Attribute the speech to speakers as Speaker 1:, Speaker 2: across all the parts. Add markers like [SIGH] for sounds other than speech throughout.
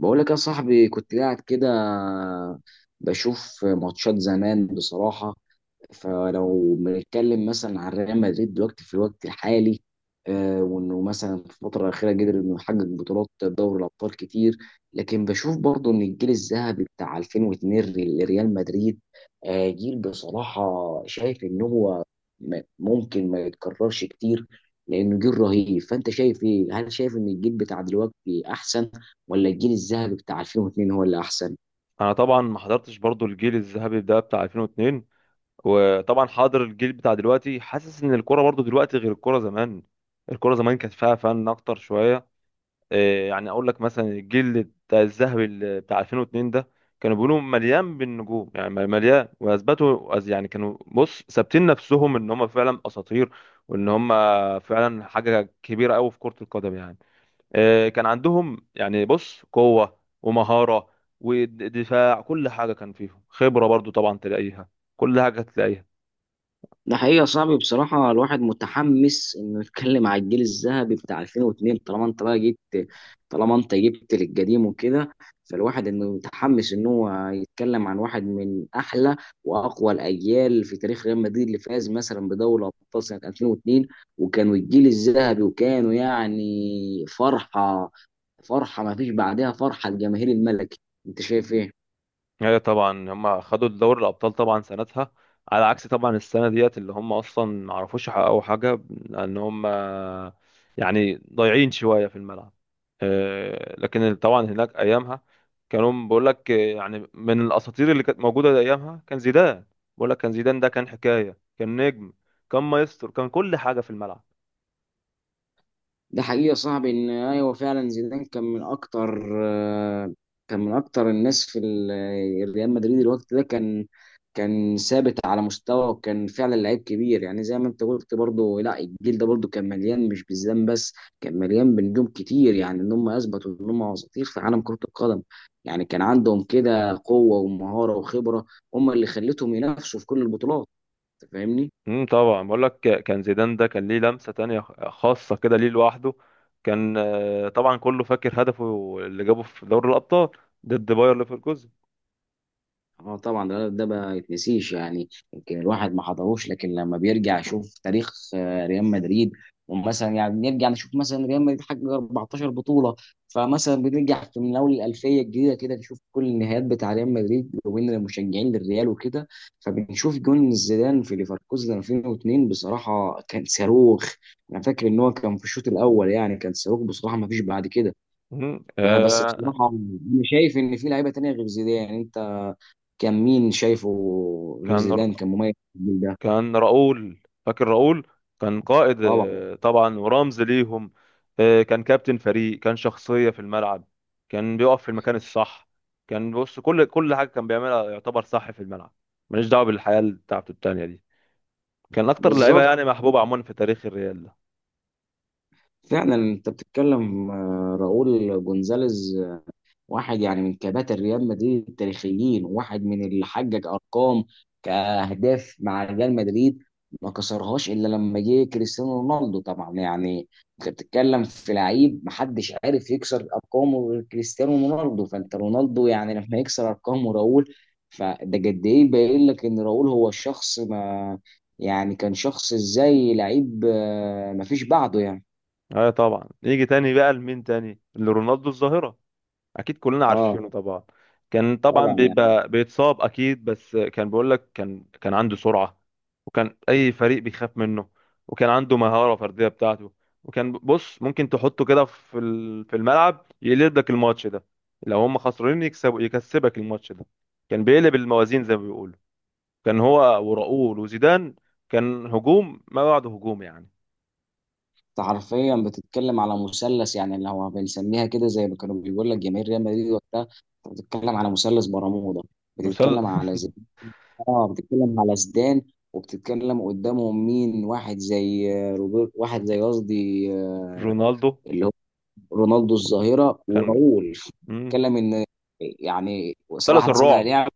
Speaker 1: بقول لك يا صاحبي، كنت قاعد كده بشوف ماتشات زمان بصراحة. فلو بنتكلم مثلا عن ريال مدريد دلوقتي في الوقت الحالي، وانه مثلا في الفتره الاخيره قدر انه يحقق بطولات دوري الابطال كتير. لكن بشوف برضه ان الجيل الذهبي بتاع 2002 لريال مدريد، جيل بصراحه شايف ان هو ممكن ما يتكررش كتير لانه جيل رهيب. فانت شايف ايه؟ هل شايف ان الجيل بتاع دلوقتي احسن، ولا الجيل الذهبي بتاع 2002 هو اللي احسن؟
Speaker 2: انا طبعا ما حضرتش برضو الجيل الذهبي ده بتاع 2002. وطبعا حاضر الجيل بتاع دلوقتي، حاسس ان الكرة برضو دلوقتي غير الكرة زمان. الكرة زمان كانت فيها فن اكتر شوية. إيه يعني، اقول لك مثلا الجيل بتاع الذهبي اللي بتاع 2002 ده كانوا بيقولوا مليان بالنجوم، يعني مليان، يعني كانوا ثابتين نفسهم ان هم فعلا اساطير، وان هم فعلا حاجة كبيرة قوي في كرة القدم يعني. كان عندهم يعني قوة ومهارة ودفاع، كل حاجة كان فيهم خبرة برضو طبعا تلاقيها، كل حاجة تلاقيها.
Speaker 1: ده حقيقة صعب بصراحة. الواحد متحمس انه يتكلم على الجيل الذهبي بتاع 2002. طالما انت بقى جبت، طالما انت جبت للقديم وكده، فالواحد انه متحمس ان هو يتكلم عن واحد من احلى واقوى الاجيال في تاريخ ريال مدريد، اللي فاز مثلا بدوري الابطال سنة 2002، وكانوا الجيل الذهبي، وكانوا يعني فرحة، فرحة ما فيش بعدها، فرحة الجماهير الملكي. انت شايف ايه؟
Speaker 2: ايوه طبعا هم خدوا دوري الابطال طبعا سنتها، على عكس طبعا السنه ديت اللي هم اصلا ما عرفوش يحققوا حاجه، لان هم يعني ضايعين شويه في الملعب. لكن طبعا هناك ايامها كانوا بقول لك، يعني من الاساطير اللي كانت موجوده ايامها كان زيدان. بقول لك كان زيدان ده كان حكايه، كان نجم، كان مايسترو، كان كل حاجه في الملعب.
Speaker 1: ده حقيقة يا صاحبي ان ايوه، فعلا زيدان كان من اكتر، آه، كان من اكتر الناس في ريال مدريد الوقت ده. كان كان ثابت على مستوى، وكان فعلا لعيب كبير. يعني زي ما انت قلت برضه، لا الجيل ده برضه كان مليان، مش بالزام بس كان مليان بنجوم كتير، يعني ان هم اثبتوا ان هم اساطير في عالم كرة القدم. يعني كان عندهم كده قوة ومهارة وخبرة، هم اللي خلتهم ينافسوا في كل البطولات. أنت فاهمني؟
Speaker 2: طبعا بقول لك كان زيدان ده كان ليه لمسة تانية خاصة كده ليه لوحده. كان، طبعا كله فاكر هدفه اللي جابه في دوري الأبطال ضد باير ليفركوزن.
Speaker 1: اه طبعا، ده ما يتنسيش. يعني يمكن الواحد ما حضروش، لكن لما بيرجع يشوف تاريخ ريال مدريد، ومثلا يعني نرجع نشوف مثلا ريال مدريد حقق 14 بطولة. فمثلا بنرجع في من اول الألفية الجديدة كده، نشوف كل النهائيات بتاع ريال مدريد وبين المشجعين للريال وكده. فبنشوف جون زيدان في ليفركوزن 2002 بصراحة كان صاروخ. انا فاكر ان هو كان في الشوط الاول، يعني كان صاروخ بصراحة ما فيش بعد كده.
Speaker 2: امم
Speaker 1: فبس
Speaker 2: آه،
Speaker 1: بصراحة انا شايف ان في لعيبة تانية غير زيدان. انت كان مين شايفه غير
Speaker 2: كان
Speaker 1: زيدان كان مميز في الجيل ده؟
Speaker 2: كان راؤول، فاكر راؤول. كان قائد،
Speaker 1: طبعا.
Speaker 2: طبعا ورمز ليهم. كان كابتن فريق، كان شخصية في الملعب، كان بيقف في المكان الصح. كان كل حاجة كان بيعملها يعتبر صح في الملعب. ماليش دعوة بالحياة بتاعته التانية دي. كان أكتر لعيبة
Speaker 1: بالظبط،
Speaker 2: يعني محبوبة عموما في تاريخ الريال.
Speaker 1: فعلا انت بتتكلم، راؤول جونزاليز، واحد يعني من كباتن ريال مدريد التاريخيين، واحد من اللي حقق ارقام كاهداف مع ريال مدريد، ما كسرهاش الا لما جه كريستيانو رونالدو طبعا. يعني انت بتتكلم في لعيب محدش عارف يكسر ارقامه غير كريستيانو رونالدو، فانت رونالدو يعني لما يكسر ارقامه راؤول، فده قد ايه باين لك ان راؤول هو شخص ما، يعني كان شخص ازاي لعيب ما فيش بعده يعني.
Speaker 2: اه طبعا يجي تاني بقى، لمين تاني؟ لرونالدو الظاهرة، اكيد كلنا
Speaker 1: اه
Speaker 2: عارفينه طبعا. كان طبعا
Speaker 1: طبعا يعني.
Speaker 2: بيبقى بيتصاب اكيد، بس كان بيقول لك كان عنده سرعة، وكان اي فريق بيخاف منه، وكان عنده مهارة فردية بتاعته. وكان ممكن تحطه كده في الملعب يقلب لك الماتش ده، لو هم خسرانين يكسبوا، يكسبك الماتش ده. كان بيقلب الموازين زي ما بيقولوا. كان هو وراؤول وزيدان، كان هجوم ما بعده هجوم يعني.
Speaker 1: انت حرفيا بتتكلم على مثلث، يعني اللي هو بنسميها كده زي ما كانوا بيقول لك جماهير ريال مدريد وقتها. انت بتتكلم على مثلث برمودا،
Speaker 2: مثال،
Speaker 1: بتتكلم على زيدان. اه بتتكلم على زيدان، وبتتكلم قدامهم مين؟ واحد زي روبرت، واحد زي قصدي
Speaker 2: [LAUGHS] رونالدو.
Speaker 1: اللي هو رونالدو الظاهرة
Speaker 2: كان
Speaker 1: وراؤول.
Speaker 2: مم.
Speaker 1: بتتكلم ان يعني
Speaker 2: مثلث
Speaker 1: واحد صانع
Speaker 2: الرعب.
Speaker 1: لعب.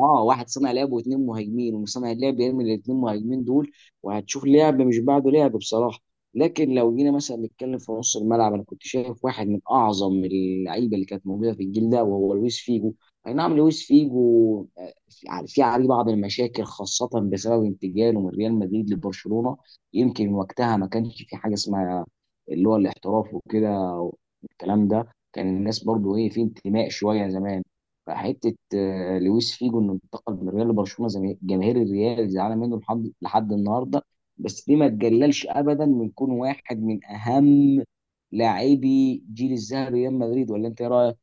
Speaker 1: اه واحد صانع لعب واثنين مهاجمين، وصانع اللعب يرمي الاثنين مهاجمين دول، وهتشوف لعب مش بعده لعب بصراحه. لكن لو جينا مثلا نتكلم في نص الملعب، انا كنت شايف واحد من اعظم اللعيبه اللي كانت موجوده في الجيل ده وهو لويس فيجو. اي نعم لويس فيجو في عليه بعض المشاكل خاصه بسبب انتقاله من ريال مدريد لبرشلونه. يمكن وقتها ما كانش في حاجه اسمها اللي هو الاحتراف وكده، والكلام ده كان الناس برضو ايه في انتماء شويه زمان. حته لويس فيجو انه انتقل من ريال لبرشلونه، زي جماهير الريال زعلانه منه لحد النهارده. بس دي ما تقللش ابدا من كون واحد من اهم لاعبي جيل الذهب ريال مدريد. ولا انت ايه رايك؟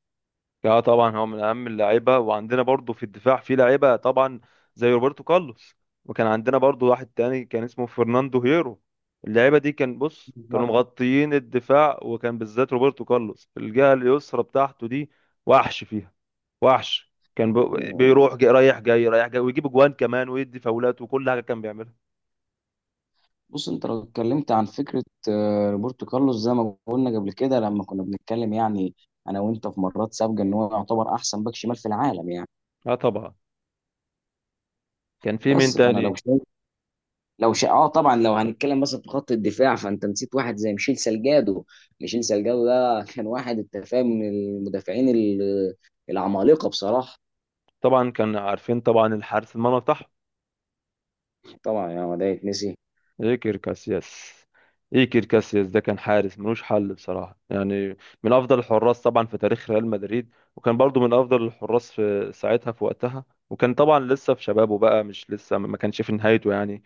Speaker 2: اه طبعا هو من اهم اللعيبه، وعندنا برضو في الدفاع في لعيبه طبعا زي روبرتو كارلوس. وكان عندنا برضو واحد تاني كان اسمه فرناندو هيرو. اللعيبه دي كان كانوا مغطيين الدفاع، وكان بالذات روبرتو كارلوس الجهه اليسرى بتاعته دي وحش فيها، وحش. كان بيروح جاي، رايح جاي رايح جاي، ويجيب جوان كمان، ويدي فاولات، وكل حاجه كان بيعملها.
Speaker 1: بص انت لو اتكلمت عن فكره روبرتو كارلوس، زي ما قلنا قبل كده لما كنا بنتكلم، يعني انا وانت في مرات سابقه، ان هو يعتبر احسن باك شمال في العالم يعني.
Speaker 2: اه طبعا، كان في مين
Speaker 1: بس فانا لو
Speaker 2: تاني؟
Speaker 1: شايف، اه طبعا لو هنتكلم مثلا في خط الدفاع، فانت نسيت واحد زي ميشيل سالجادو. ميشيل سالجادو ده كان واحد، انت فاهم، من المدافعين العمالقه بصراحه.
Speaker 2: طبعا كان، عارفين طبعا الحارس المرمى بتاعهم،
Speaker 1: طبعا يا ما ده يتنسي.
Speaker 2: ايكر كاسياس. ايكر كاسياس ده كان حارس ملوش حل بصراحة يعني، من افضل الحراس طبعا في تاريخ ريال مدريد. وكان برضو من افضل الحراس في ساعتها في وقتها. وكان طبعا لسه في شبابه بقى، مش لسه، ما كانش في نهايته يعني.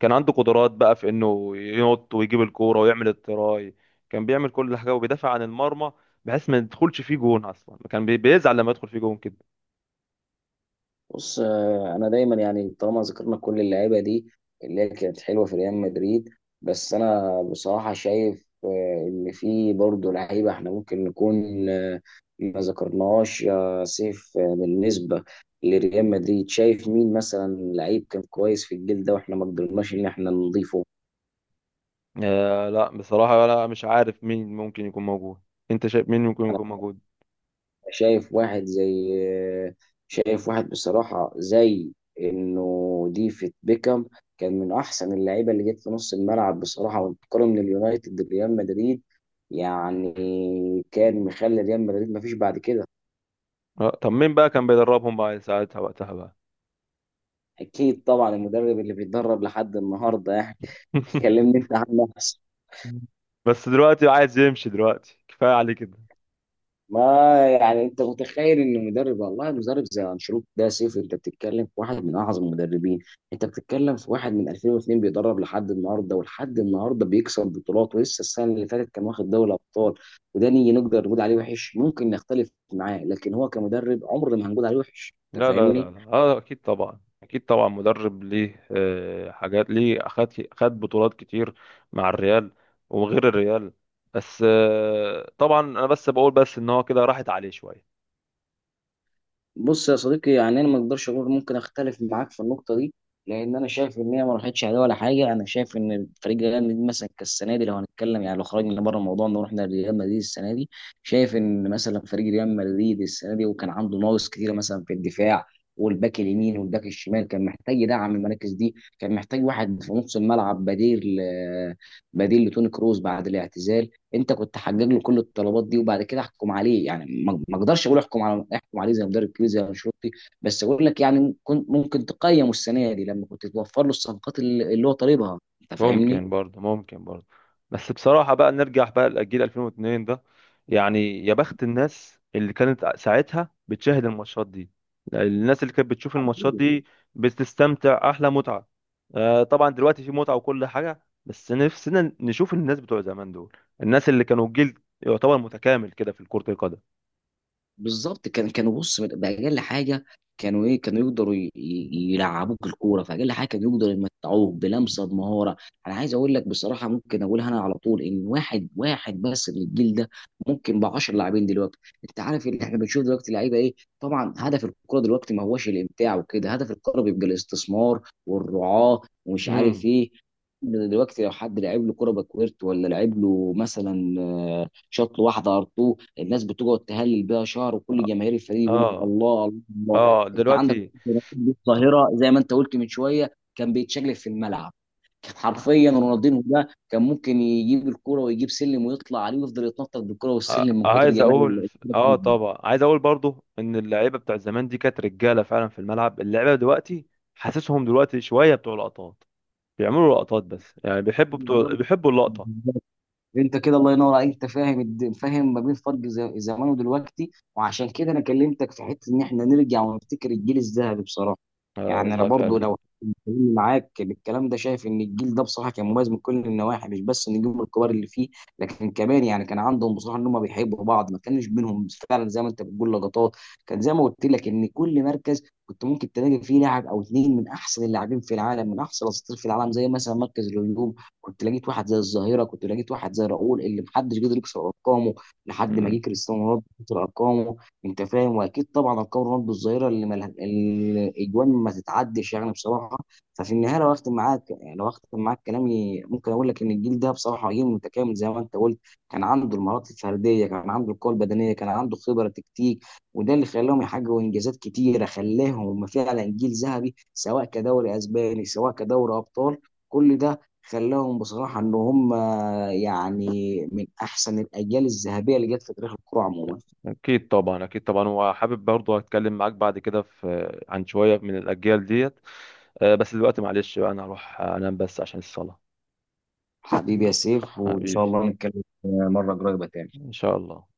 Speaker 2: كان عنده قدرات بقى في انه ينط ويجيب الكورة ويعمل التراي. كان بيعمل كل حاجة وبيدافع عن المرمى بحيث ما يدخلش فيه جون اصلا. كان بيزعل لما يدخل فيه جون كده.
Speaker 1: بص انا دايما يعني طالما ذكرنا كل اللعيبه دي اللي هي كانت حلوه في ريال مدريد، بس انا بصراحه شايف ان في برضه لعيبه احنا ممكن نكون ما ذكرناهاش. يا سيف بالنسبه لريال مدريد، شايف مين مثلا لعيب كان كويس في الجيل ده واحنا ما قدرناش ان احنا نضيفه؟
Speaker 2: آه لا بصراحة لا، مش عارف مين ممكن يكون موجود. انت شايف مين ممكن يكون موجود؟
Speaker 1: شايف واحد زي، شايف واحد بصراحة زي انه ديفيد بيكام. كان من احسن اللعيبة اللي جت في نص الملعب بصراحة، وانتقاله من اليونايتد لريال مدريد يعني كان مخلي ريال مدريد مفيش بعد كده.
Speaker 2: طب مين بقى كان بيدربهم بقى ساعتها وقتها بقى؟
Speaker 1: اكيد طبعا المدرب اللي بيتدرب لحد النهارده يعني. [LAUGHS]
Speaker 2: [LAUGHS]
Speaker 1: كلمني انت عن نفسك.
Speaker 2: بس دلوقتي عايز يمشي، دلوقتي كفاية عليه كده.
Speaker 1: ما يعني انت متخيل ان مدرب، والله مدرب زي انشيلوتي ده؟ سيف انت بتتكلم في واحد من اعظم المدربين، انت بتتكلم في واحد من 2002 بيدرب لحد النهارده، ولحد النهارده بيكسب بطولات، ولسه السنه اللي فاتت كان واخد دوري ابطال. وده نيجي نقدر نقول عليه وحش؟ ممكن نختلف معاه، لكن هو كمدرب عمر ما هنقول عليه وحش. انت
Speaker 2: لا لا لا
Speaker 1: فاهمني؟
Speaker 2: لا، اه اكيد طبعا، اكيد طبعا مدرب ليه حاجات، ليه خد بطولات كتير مع الريال وغير الريال. بس، طبعا انا بس بقول بس ان هو كده راحت عليه شوية.
Speaker 1: بص يا صديقي، يعني انا ما اقدرش اقول، ممكن اختلف معاك في النقطه دي. لان انا شايف ان هي ما راحتش عليه ولا حاجه. انا شايف ان فريق ريال مدريد مثلا كالسنه دي، لو هنتكلم يعني، لو خرجنا بره الموضوع ان رحنا لريال مدريد السنه دي، شايف ان مثلا فريق ريال مدريد السنه دي وكان عنده ناقص كتير مثلا في الدفاع، والباك اليمين والباك الشمال كان محتاج يدعم المراكز دي، كان محتاج واحد في نص الملعب بديل بديل لتوني كروز بعد الاعتزال. انت كنت حقق له كل الطلبات دي وبعد كده احكم عليه. يعني ما اقدرش اقول احكم على، احكم عليه زي مدرب كبير زي انشيلوتي. بس اقول لك يعني كنت ممكن تقيم السنه دي لما كنت توفر له الصفقات اللي هو طالبها. انت فاهمني؟
Speaker 2: ممكن برضه، ممكن برضه. بس بصراحة بقى نرجع بقى لجيل 2002 ده. يعني يا بخت الناس اللي كانت ساعتها بتشاهد الماتشات دي، الناس اللي كانت بتشوف الماتشات دي بتستمتع أحلى متعة. طبعا دلوقتي في متعة وكل حاجة، بس نفسنا نشوف الناس بتوع زمان دول، الناس اللي كانوا جيل يعتبر متكامل كده في كرة القدم.
Speaker 1: بالظبط، كان كانوا بص باقل حاجه. كانوا ايه؟ كانوا يقدروا يلعبوك الكوره، فاقل حاجه كانوا يقدروا يمتعوك بلمسه بمهاره. انا عايز اقول لك بصراحه، ممكن اقولها انا على طول، ان واحد واحد بس من الجيل ده ممكن ب 10 لاعبين دلوقتي. انت عارف اللي احنا بنشوف دلوقتي لعيبه ايه؟ طبعا هدف الكوره دلوقتي ما هوش الامتاع وكده، هدف الكوره بيبقى الاستثمار والرعاه ومش عارف
Speaker 2: امم
Speaker 1: ايه. دلوقتي لو حد لعب له كوره باكويرت ولا لعب له مثلا شاط له واحده ار، الناس بتقعد تهلل بيها شهر، وكل
Speaker 2: اه.
Speaker 1: جماهير الفريق يقول لك
Speaker 2: اه،
Speaker 1: الله الله الله.
Speaker 2: آه،
Speaker 1: انت عندك
Speaker 2: دلوقتي
Speaker 1: [LAUGHS] رونالدينيو الظاهره، زي ما انت قلت من شويه، كان بيتشقلب في الملعب. كان حرفيا رونالدينيو ده كان ممكن يجيب الكرة ويجيب سلم ويطلع عليه ويفضل يتنطط بالكرة
Speaker 2: آه،
Speaker 1: والسلم من كتر
Speaker 2: عايز اقول،
Speaker 1: جمال
Speaker 2: اه طبعا عايز اقول برضو ان اللعيبه بتاع زمان دي كانت رجاله فعلا في الملعب. اللعيبه دلوقتي حاسسهم دلوقتي شويه بتوع لقطات، بيعملوا لقطات بس، يعني بيحبوا بتوع، بيحبوا اللقطه.
Speaker 1: الكرة. انت كده الله ينور عليك، انت فاهم فاهم ما بين فرق زمان ودلوقتي، وعشان كده انا كلمتك في حته ان احنا نرجع ونفتكر الجيل الذهبي بصراحه.
Speaker 2: اه
Speaker 1: يعني انا
Speaker 2: والله
Speaker 1: برضو
Speaker 2: فعلا.
Speaker 1: لو بتكلم معاك بالكلام ده، شايف ان الجيل ده بصراحه كان مميز من كل النواحي، مش بس النجوم الكبار اللي فيه، لكن كمان يعني كان عندهم بصراحه ان هم بيحبوا بعض، ما كانش بينهم فعلا زي ما انت بتقول لقطات. كان زي ما قلت لك ان كل مركز كنت ممكن تلاقي فيه لاعب او اتنين من احسن اللاعبين في العالم، من احسن الاساطير في العالم، زي مثلا مركز الهجوم. كنت لقيت واحد زي الظاهره، كنت لقيت واحد زي راؤول اللي محدش قدر يكسر ارقامه لحد ما جه
Speaker 2: مم.
Speaker 1: كريستيانو رونالدو كسر ارقامه. انت فاهم؟ واكيد طبعا ارقام رونالدو الظاهره اللي الاجوان ما تتعدش يعني بصراحه. ففي النهايه لو اختم معاك، يعني لو اختم معاك كلامي، ممكن اقول لك ان الجيل ده بصراحه جيل متكامل زي ما انت قلت. كان عنده المهارات الفرديه، كان عنده القوه البدنيه، كان عنده خبره تكتيك، وده اللي خلاهم يحققوا انجازات كتيره، خلاهم فعلا جيل ذهبي سواء كدوري اسباني سواء كدوري ابطال. كل ده خلاهم بصراحة إن هم يعني من أحسن الأجيال الذهبية اللي جت في تاريخ الكرة عموما.
Speaker 2: اكيد طبعا، اكيد طبعا، وحابب برضو اتكلم معاك بعد كده في عن شويه من الاجيال ديت. بس دلوقتي معلش بقى، انا هروح انام بس عشان الصلاه.
Speaker 1: حبيبي
Speaker 2: مم.
Speaker 1: يا سيف، وإن شاء
Speaker 2: حبيبي،
Speaker 1: الله نتكلم مرة قريبة تاني.
Speaker 2: ان شاء الله.